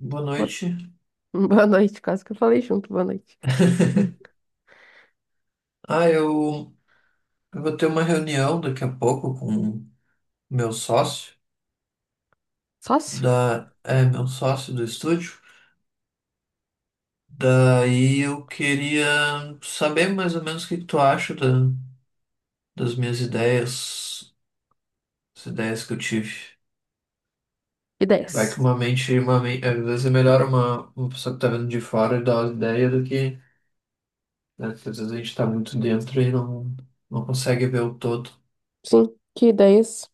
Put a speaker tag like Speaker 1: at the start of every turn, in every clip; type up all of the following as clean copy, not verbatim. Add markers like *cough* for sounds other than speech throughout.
Speaker 1: Boa
Speaker 2: Bo-
Speaker 1: noite.
Speaker 2: *laughs* Boa noite, quase que eu falei junto, boa noite.
Speaker 1: *laughs* Ah, eu, eu vou ter uma reunião daqui a pouco com meu sócio
Speaker 2: Sócio?
Speaker 1: meu sócio do estúdio. Daí eu queria saber mais ou menos o que que tu acha das minhas ideias, as ideias que eu tive. Vai que
Speaker 2: Ideias.
Speaker 1: uma mente, uma, men- às vezes é melhor uma pessoa que tá vendo de fora e dar uma ideia do né, porque às vezes a gente tá muito dentro e não consegue ver o todo.
Speaker 2: Sim, que ideias?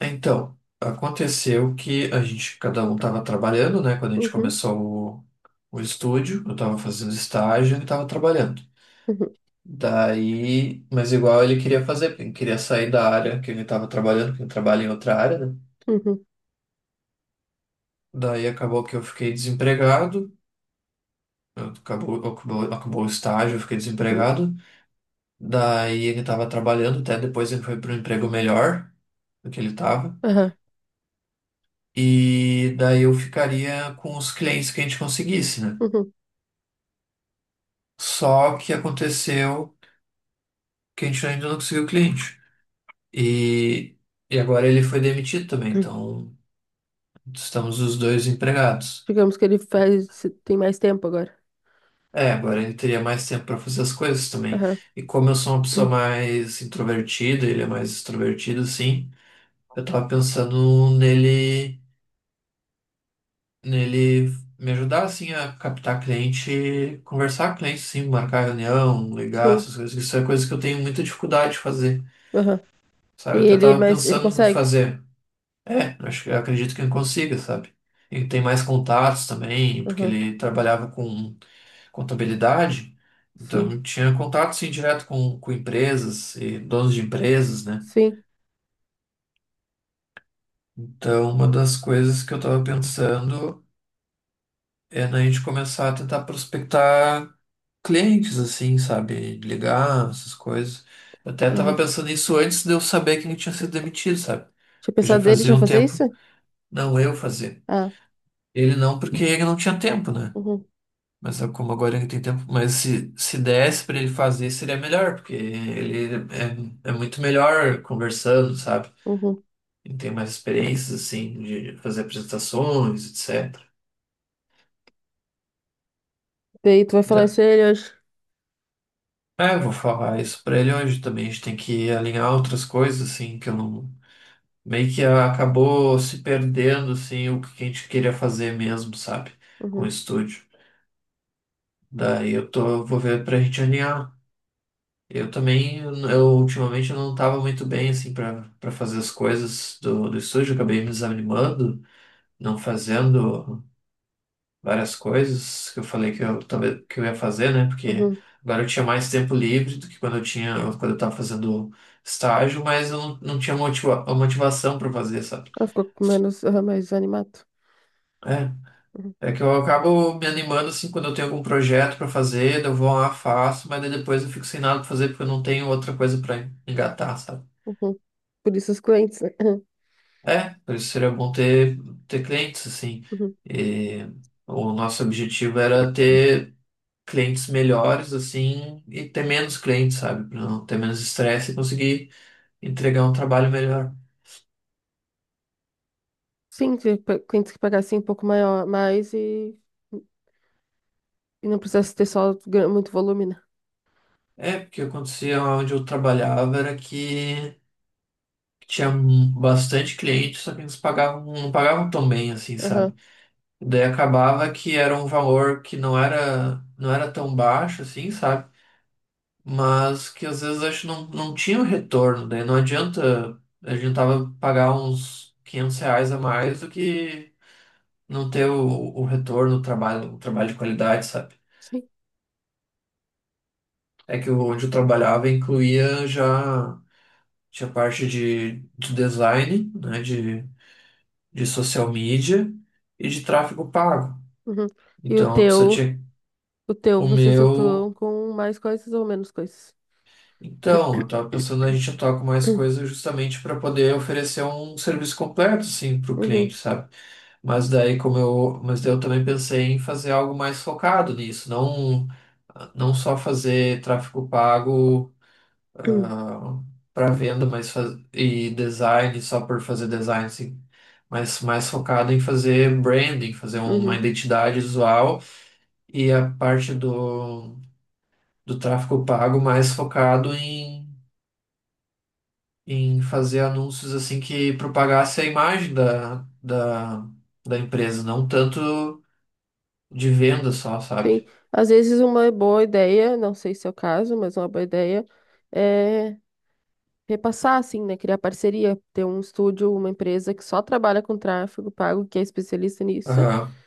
Speaker 1: Então, aconteceu que a gente, cada um estava trabalhando, né? Quando a gente
Speaker 2: Uhum,
Speaker 1: começou o estúdio, eu estava fazendo estágio e ele estava trabalhando.
Speaker 2: uhum,
Speaker 1: Daí, mas igual ele queria fazer, porque ele queria sair da área que ele estava trabalhando, porque ele trabalha em outra área, né?
Speaker 2: uhum,
Speaker 1: Daí acabou que eu fiquei desempregado, acabou o estágio, eu fiquei
Speaker 2: uhum,
Speaker 1: desempregado. Daí ele estava trabalhando, até depois ele foi para um emprego melhor do que ele estava.
Speaker 2: aham,
Speaker 1: E daí eu ficaria com os clientes que a gente conseguisse, né?
Speaker 2: uhum,
Speaker 1: Só que aconteceu que a gente ainda não conseguiu cliente. E, e agora ele foi demitido também,
Speaker 2: uhum.
Speaker 1: então estamos os dois empregados.
Speaker 2: Digamos que ele faz, tem mais tempo agora.
Speaker 1: É, agora ele teria mais tempo para fazer as coisas também.
Speaker 2: Aham,
Speaker 1: E como eu sou uma pessoa
Speaker 2: uhum,
Speaker 1: mais introvertida, ele é mais extrovertido, assim, eu tava pensando nele me ajudar, assim, a captar cliente, conversar com cliente, assim, marcar reunião, ligar,
Speaker 2: sim,
Speaker 1: essas coisas. Isso é coisa que eu tenho muita dificuldade de fazer,
Speaker 2: aham. E
Speaker 1: sabe? Eu até
Speaker 2: ele,
Speaker 1: tava
Speaker 2: mas ele
Speaker 1: pensando em
Speaker 2: consegue?
Speaker 1: fazer. É, acho que eu acredito que ele consiga, sabe? Ele tem mais contatos também, porque
Speaker 2: Aham,
Speaker 1: ele trabalhava com contabilidade,
Speaker 2: sim,
Speaker 1: então tinha contato sim direto com empresas e donos de empresas, né?
Speaker 2: sim,
Speaker 1: Então, uma das coisas que eu estava pensando é na gente começar a tentar prospectar clientes, assim, sabe? Ligar, essas coisas. Eu até estava
Speaker 2: aham.
Speaker 1: pensando nisso antes de eu saber quem tinha sido demitido, sabe?
Speaker 2: Tinha
Speaker 1: Porque já
Speaker 2: pensado dele já
Speaker 1: fazia um
Speaker 2: fazer isso?
Speaker 1: tempo, não eu fazer.
Speaker 2: Ah,
Speaker 1: Ele não, porque ele não tinha tempo, né?
Speaker 2: uhum,
Speaker 1: Mas sabe como agora ele tem tempo. Mas se desse pra ele fazer, seria melhor, porque ele é muito melhor conversando, sabe?
Speaker 2: uhum.
Speaker 1: Ele tem mais experiências, assim, de fazer apresentações, etc.
Speaker 2: Daí tu vai falar
Speaker 1: Da-
Speaker 2: isso a ele hoje?
Speaker 1: É, eu vou falar isso pra ele hoje também. A gente tem que alinhar outras coisas, assim, que eu não. Meio que acabou se perdendo, assim, o que a gente queria fazer mesmo, sabe? Com o
Speaker 2: Uhum,
Speaker 1: estúdio. Daí eu vou ver pra gente alinhar. Eu ultimamente eu não estava muito bem assim para fazer as coisas do estúdio, eu acabei me desanimando, não fazendo várias coisas que eu falei que eu talvez que eu ia fazer, né? Porque
Speaker 2: uhum.
Speaker 1: agora eu tinha mais tempo livre do que quando eu tinha quando eu estava fazendo estágio, mas eu não tinha motiva a motivação para fazer, sabe?
Speaker 2: Ela ficou com menos, aham, mais animado.
Speaker 1: É,
Speaker 2: Uhum,
Speaker 1: é que eu acabo me animando assim quando eu tenho algum projeto para fazer, daí eu vou lá, faço, mas daí depois eu fico sem nada para fazer porque eu não tenho outra coisa para engatar, sabe?
Speaker 2: uhum. Por isso os clientes, né?
Speaker 1: É, por isso seria bom ter clientes, assim.
Speaker 2: *clears throat*
Speaker 1: E o nosso objetivo era ter clientes melhores, assim, e ter menos clientes, sabe? Para não ter menos estresse e conseguir entregar um trabalho melhor.
Speaker 2: Sim, ver quem tem que pagar assim um pouco maior, mais e não precisa ter só muito volume, né?
Speaker 1: É, porque acontecia onde eu trabalhava era que tinha bastante cliente, só que eles pagavam, não pagavam tão bem, assim,
Speaker 2: Aham,
Speaker 1: sabe? Daí acabava que era um valor que não era tão baixo, assim, sabe? Mas que às vezes acho que não tinha o retorno, daí não adianta, a gente tava pagar uns 500 reais a mais do que não ter o retorno, o trabalho de qualidade, sabe?
Speaker 2: sim.
Speaker 1: É que onde eu trabalhava incluía já, tinha parte de design, né, de social media e de tráfego pago.
Speaker 2: Uhum. E o
Speaker 1: Então a pessoa
Speaker 2: teu,
Speaker 1: tinha
Speaker 2: o teu,
Speaker 1: o
Speaker 2: vocês
Speaker 1: meu.
Speaker 2: atuam com mais coisas ou menos coisas?
Speaker 1: Então, eu estava pensando a gente atuar com mais
Speaker 2: *clears throat*
Speaker 1: coisas justamente para poder oferecer um serviço completo, assim, para o cliente,
Speaker 2: Uhum,
Speaker 1: sabe? Mas daí eu também pensei em fazer algo mais focado nisso, não só fazer tráfego pago,
Speaker 2: *clears throat*
Speaker 1: para venda, e design só por fazer design, assim, mas mais focado em fazer branding, fazer uma
Speaker 2: uhum,
Speaker 1: identidade visual e a parte do tráfego pago mais focado em fazer anúncios assim que propagasse a imagem da empresa, não tanto de venda só,
Speaker 2: sim.
Speaker 1: sabe?
Speaker 2: Às vezes uma boa ideia, não sei se é o caso, mas uma boa ideia é repassar, assim, né? Criar parceria, ter um estúdio, uma empresa que só trabalha com tráfego pago, que é especialista nisso.
Speaker 1: Aham,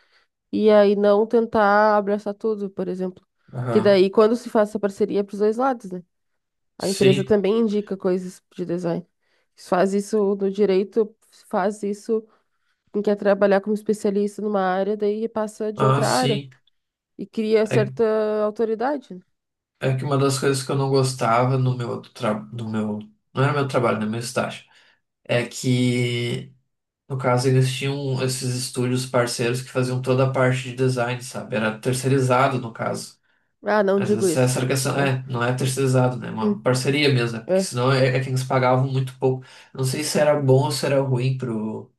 Speaker 2: E aí não tentar abraçar tudo, por exemplo. Que
Speaker 1: aham.
Speaker 2: daí, quando se faz essa parceria, é para os dois lados, né? A empresa
Speaker 1: Sim.
Speaker 2: também indica coisas de design. Se faz isso no direito, se faz isso, quem quer trabalhar como especialista numa área, daí passa de
Speaker 1: Ah,
Speaker 2: outra área
Speaker 1: sim.
Speaker 2: e cria
Speaker 1: É,
Speaker 2: certa autoridade, né?
Speaker 1: é que uma das coisas que eu não gostava no meu outro tra... no meu. Não era meu trabalho, né? Meu estágio. É que, no caso, eles tinham esses estúdios parceiros que faziam toda a parte de design, sabe? Era terceirizado, no caso.
Speaker 2: Ah, não
Speaker 1: Mas
Speaker 2: digo isso.
Speaker 1: essa arcação
Speaker 2: É.
Speaker 1: não é terceirizado, né? É uma
Speaker 2: Hum,
Speaker 1: parceria mesmo, né? porque
Speaker 2: é.
Speaker 1: senão é que eles pagavam muito pouco. Não sei se era bom ou se era ruim pro.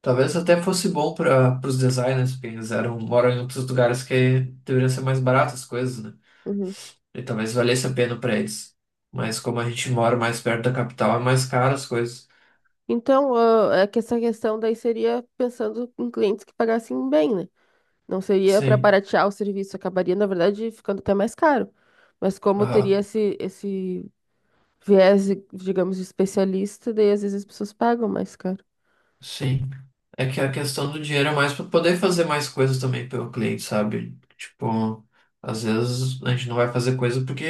Speaker 1: Talvez até fosse bom para os designers, porque eles eram, moram em outros lugares que deveriam ser mais baratas as coisas, né?
Speaker 2: Uhum.
Speaker 1: E talvez valesse a pena para eles. Mas como a gente mora mais perto da capital, é mais caro as coisas.
Speaker 2: Então, ah, é que essa questão daí seria pensando em clientes que pagassem bem, né? Não seria para
Speaker 1: Sim,
Speaker 2: baratear o serviço, acabaria, na verdade, ficando até mais caro. Mas como teria
Speaker 1: aham,
Speaker 2: esse viés, digamos, de especialista, daí às vezes as pessoas pagam mais caro.
Speaker 1: sim. É que a questão do dinheiro é mais para poder fazer mais coisas também pelo cliente, sabe? Tipo, às vezes a gente não vai fazer coisa porque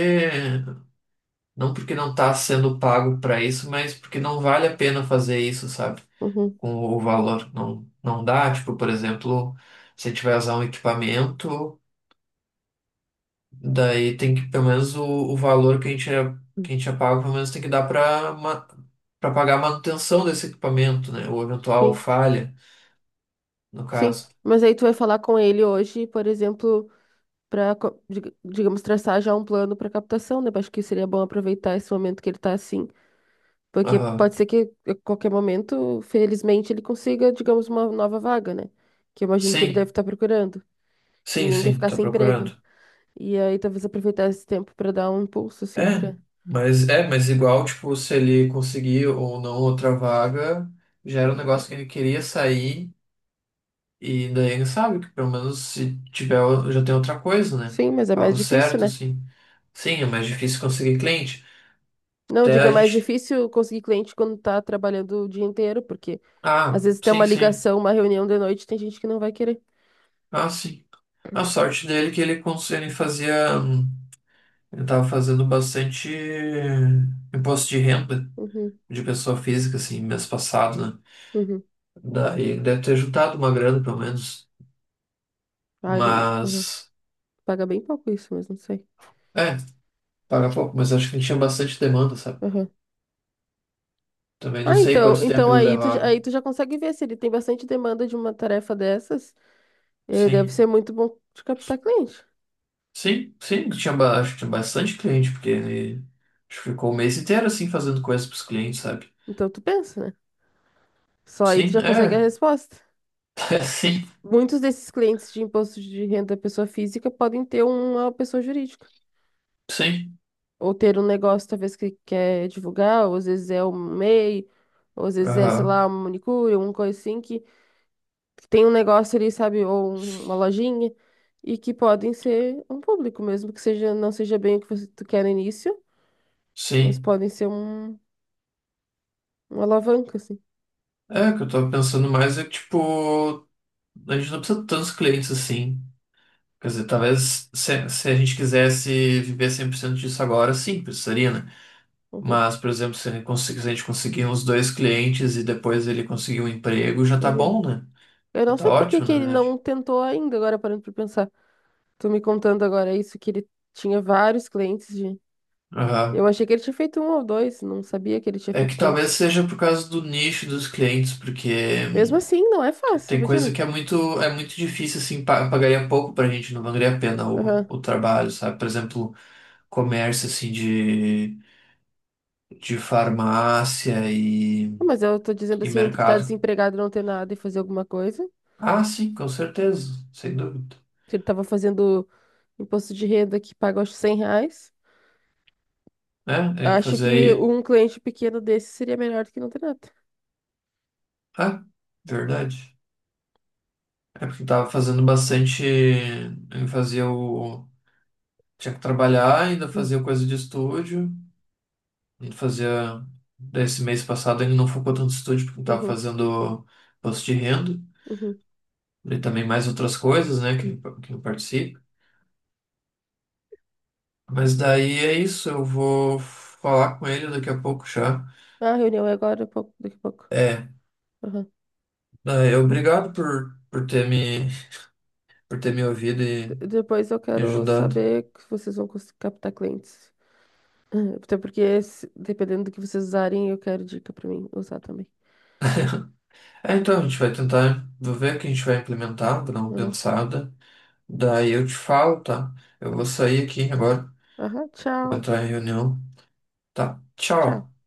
Speaker 1: Não porque não está sendo pago para isso, mas porque não vale a pena fazer isso, sabe?
Speaker 2: Uhum.
Speaker 1: Com o valor. Não, não dá. Tipo, por exemplo, se a gente vai usar um equipamento, daí tem que, pelo menos, o valor que a gente é pago, pelo menos tem que dar para pagar a manutenção desse equipamento, né? Ou eventual
Speaker 2: Sim,
Speaker 1: falha, no
Speaker 2: sim.
Speaker 1: caso.
Speaker 2: Mas aí tu vai falar com ele hoje, por exemplo, para, digamos, traçar já um plano para captação, né? Eu acho que seria bom aproveitar esse momento que ele tá assim. Porque
Speaker 1: Aham.
Speaker 2: pode ser que a qualquer momento, felizmente, ele consiga, digamos, uma nova vaga, né? Que eu imagino que ele deve
Speaker 1: Sim,
Speaker 2: estar procurando. Que
Speaker 1: sim,
Speaker 2: ninguém quer
Speaker 1: sim,
Speaker 2: ficar
Speaker 1: tá
Speaker 2: sem emprego, né?
Speaker 1: procurando.
Speaker 2: E aí talvez aproveitar esse tempo para dar um impulso,
Speaker 1: É,
Speaker 2: assim, para.
Speaker 1: mas igual, tipo, se ele conseguir ou não outra vaga, já era um negócio que ele queria sair, e daí ele sabe que pelo menos se tiver, já tem outra coisa, né?
Speaker 2: Sim, mas é mais
Speaker 1: Algo
Speaker 2: difícil,
Speaker 1: certo,
Speaker 2: né?
Speaker 1: assim. Sim, é mais difícil conseguir cliente.
Speaker 2: Não,
Speaker 1: Até
Speaker 2: diga, é
Speaker 1: a
Speaker 2: mais
Speaker 1: gente.
Speaker 2: difícil conseguir cliente quando tá trabalhando o dia inteiro, porque às
Speaker 1: Ah,
Speaker 2: vezes tem
Speaker 1: sim,
Speaker 2: uma
Speaker 1: sim.
Speaker 2: ligação, uma reunião de noite, tem gente que não vai querer.
Speaker 1: Ah, sim. A sorte dele é que ele fazia. Ele tava fazendo bastante imposto de renda
Speaker 2: Uhum,
Speaker 1: de pessoa física, assim, mês passado, né?
Speaker 2: uhum.
Speaker 1: Daí deve ter juntado uma grana, pelo menos.
Speaker 2: Ah, uhum.
Speaker 1: Mas,
Speaker 2: Paga bem pouco isso, mas não sei.
Speaker 1: é, paga pouco, mas acho que tinha bastante demanda, sabe?
Speaker 2: Uhum.
Speaker 1: Também não
Speaker 2: Ah,
Speaker 1: sei
Speaker 2: então,
Speaker 1: quanto tempo
Speaker 2: então
Speaker 1: ele
Speaker 2: aí
Speaker 1: levava.
Speaker 2: aí tu já consegue ver se ele tem bastante demanda de uma tarefa dessas, deve ser
Speaker 1: Sim,
Speaker 2: muito bom de captar cliente.
Speaker 1: sim, sim, acho que tinha bastante cliente, porque ele acho que ficou o mês inteiro assim fazendo coisas pros clientes, sabe?
Speaker 2: Então tu pensa, né? Só aí tu
Speaker 1: Sim,
Speaker 2: já consegue a resposta.
Speaker 1: *laughs* é, sim,
Speaker 2: Muitos desses clientes de imposto de renda da pessoa física podem ter uma pessoa jurídica,
Speaker 1: sim,
Speaker 2: ou ter um negócio talvez que quer divulgar, ou às vezes é um MEI, ou às vezes é, sei lá,
Speaker 1: aham,
Speaker 2: uma manicure, uma coisa assim, que tem um negócio ali, sabe, ou uma lojinha, e que podem ser um público mesmo, que seja, não seja bem o que você tu quer no início, mas
Speaker 1: sim.
Speaker 2: podem ser uma alavanca, assim.
Speaker 1: É, o que eu tava pensando mais é que, tipo, a gente não precisa de tantos clientes assim. Quer dizer, talvez se a gente quisesse viver 100% disso agora, sim, precisaria, né?
Speaker 2: Uhum,
Speaker 1: Mas, por exemplo, se ele conseguir, se a gente conseguir uns dois clientes e depois ele conseguir um emprego, já tá
Speaker 2: uhum.
Speaker 1: bom, né?
Speaker 2: Eu
Speaker 1: Já
Speaker 2: não
Speaker 1: tá
Speaker 2: sei por que
Speaker 1: ótimo,
Speaker 2: que
Speaker 1: na
Speaker 2: ele não
Speaker 1: verdade.
Speaker 2: tentou ainda, agora parando pra pensar. Tu me contando agora isso, que ele tinha vários clientes de. Eu
Speaker 1: Aham.
Speaker 2: achei que ele tinha feito um ou dois, não sabia que ele tinha
Speaker 1: É
Speaker 2: feito
Speaker 1: que talvez
Speaker 2: tantos.
Speaker 1: seja por causa do nicho dos clientes,
Speaker 2: Mesmo
Speaker 1: porque
Speaker 2: assim, não é fácil,
Speaker 1: tem coisa
Speaker 2: imagina.
Speaker 1: que é muito difícil, assim, pagaria pouco pra gente, não valeria a pena
Speaker 2: Aham.
Speaker 1: o trabalho, sabe? Por exemplo, comércio, assim, de farmácia
Speaker 2: Não, mas eu tô dizendo
Speaker 1: e
Speaker 2: assim, entre estar
Speaker 1: mercado.
Speaker 2: desempregado e não ter nada e fazer alguma coisa.
Speaker 1: Ah, sim, com certeza, sem dúvida.
Speaker 2: Se ele tava fazendo imposto de renda que paga, acho, R$ 100.
Speaker 1: Né? É
Speaker 2: Acho
Speaker 1: fazer
Speaker 2: que
Speaker 1: aí.
Speaker 2: um cliente pequeno desse seria melhor do que não ter nada.
Speaker 1: Ah, verdade. É porque eu tava fazendo bastante. Eu fazia o. Tinha que trabalhar, ainda
Speaker 2: Hum.
Speaker 1: fazia coisa de estúdio. Ainda fazia. Daí esse mês passado ele não focou tanto no estúdio, porque eu tava
Speaker 2: Uhum,
Speaker 1: fazendo post de renda.
Speaker 2: uhum.
Speaker 1: E também mais outras coisas, né? Que eu participo. Mas daí é isso, eu vou falar com ele daqui a pouco já.
Speaker 2: Ah, a reunião é agora, um pouco, daqui a pouco.
Speaker 1: É,
Speaker 2: Aham.
Speaker 1: obrigado por ter por ter me ouvido e
Speaker 2: Depois eu
Speaker 1: me
Speaker 2: quero
Speaker 1: ajudado.
Speaker 2: saber se vocês vão captar clientes. Ah, até porque, dependendo do que vocês usarem, eu quero dica pra mim usar também.
Speaker 1: É, então, a gente vai tentar, vou ver o que a gente vai implementar, vou dar uma pensada. Daí eu te falo, tá? Eu vou sair aqui agora,
Speaker 2: Aham,
Speaker 1: vou
Speaker 2: tchau.
Speaker 1: entrar em reunião, tá?
Speaker 2: Tchau.
Speaker 1: Tchau.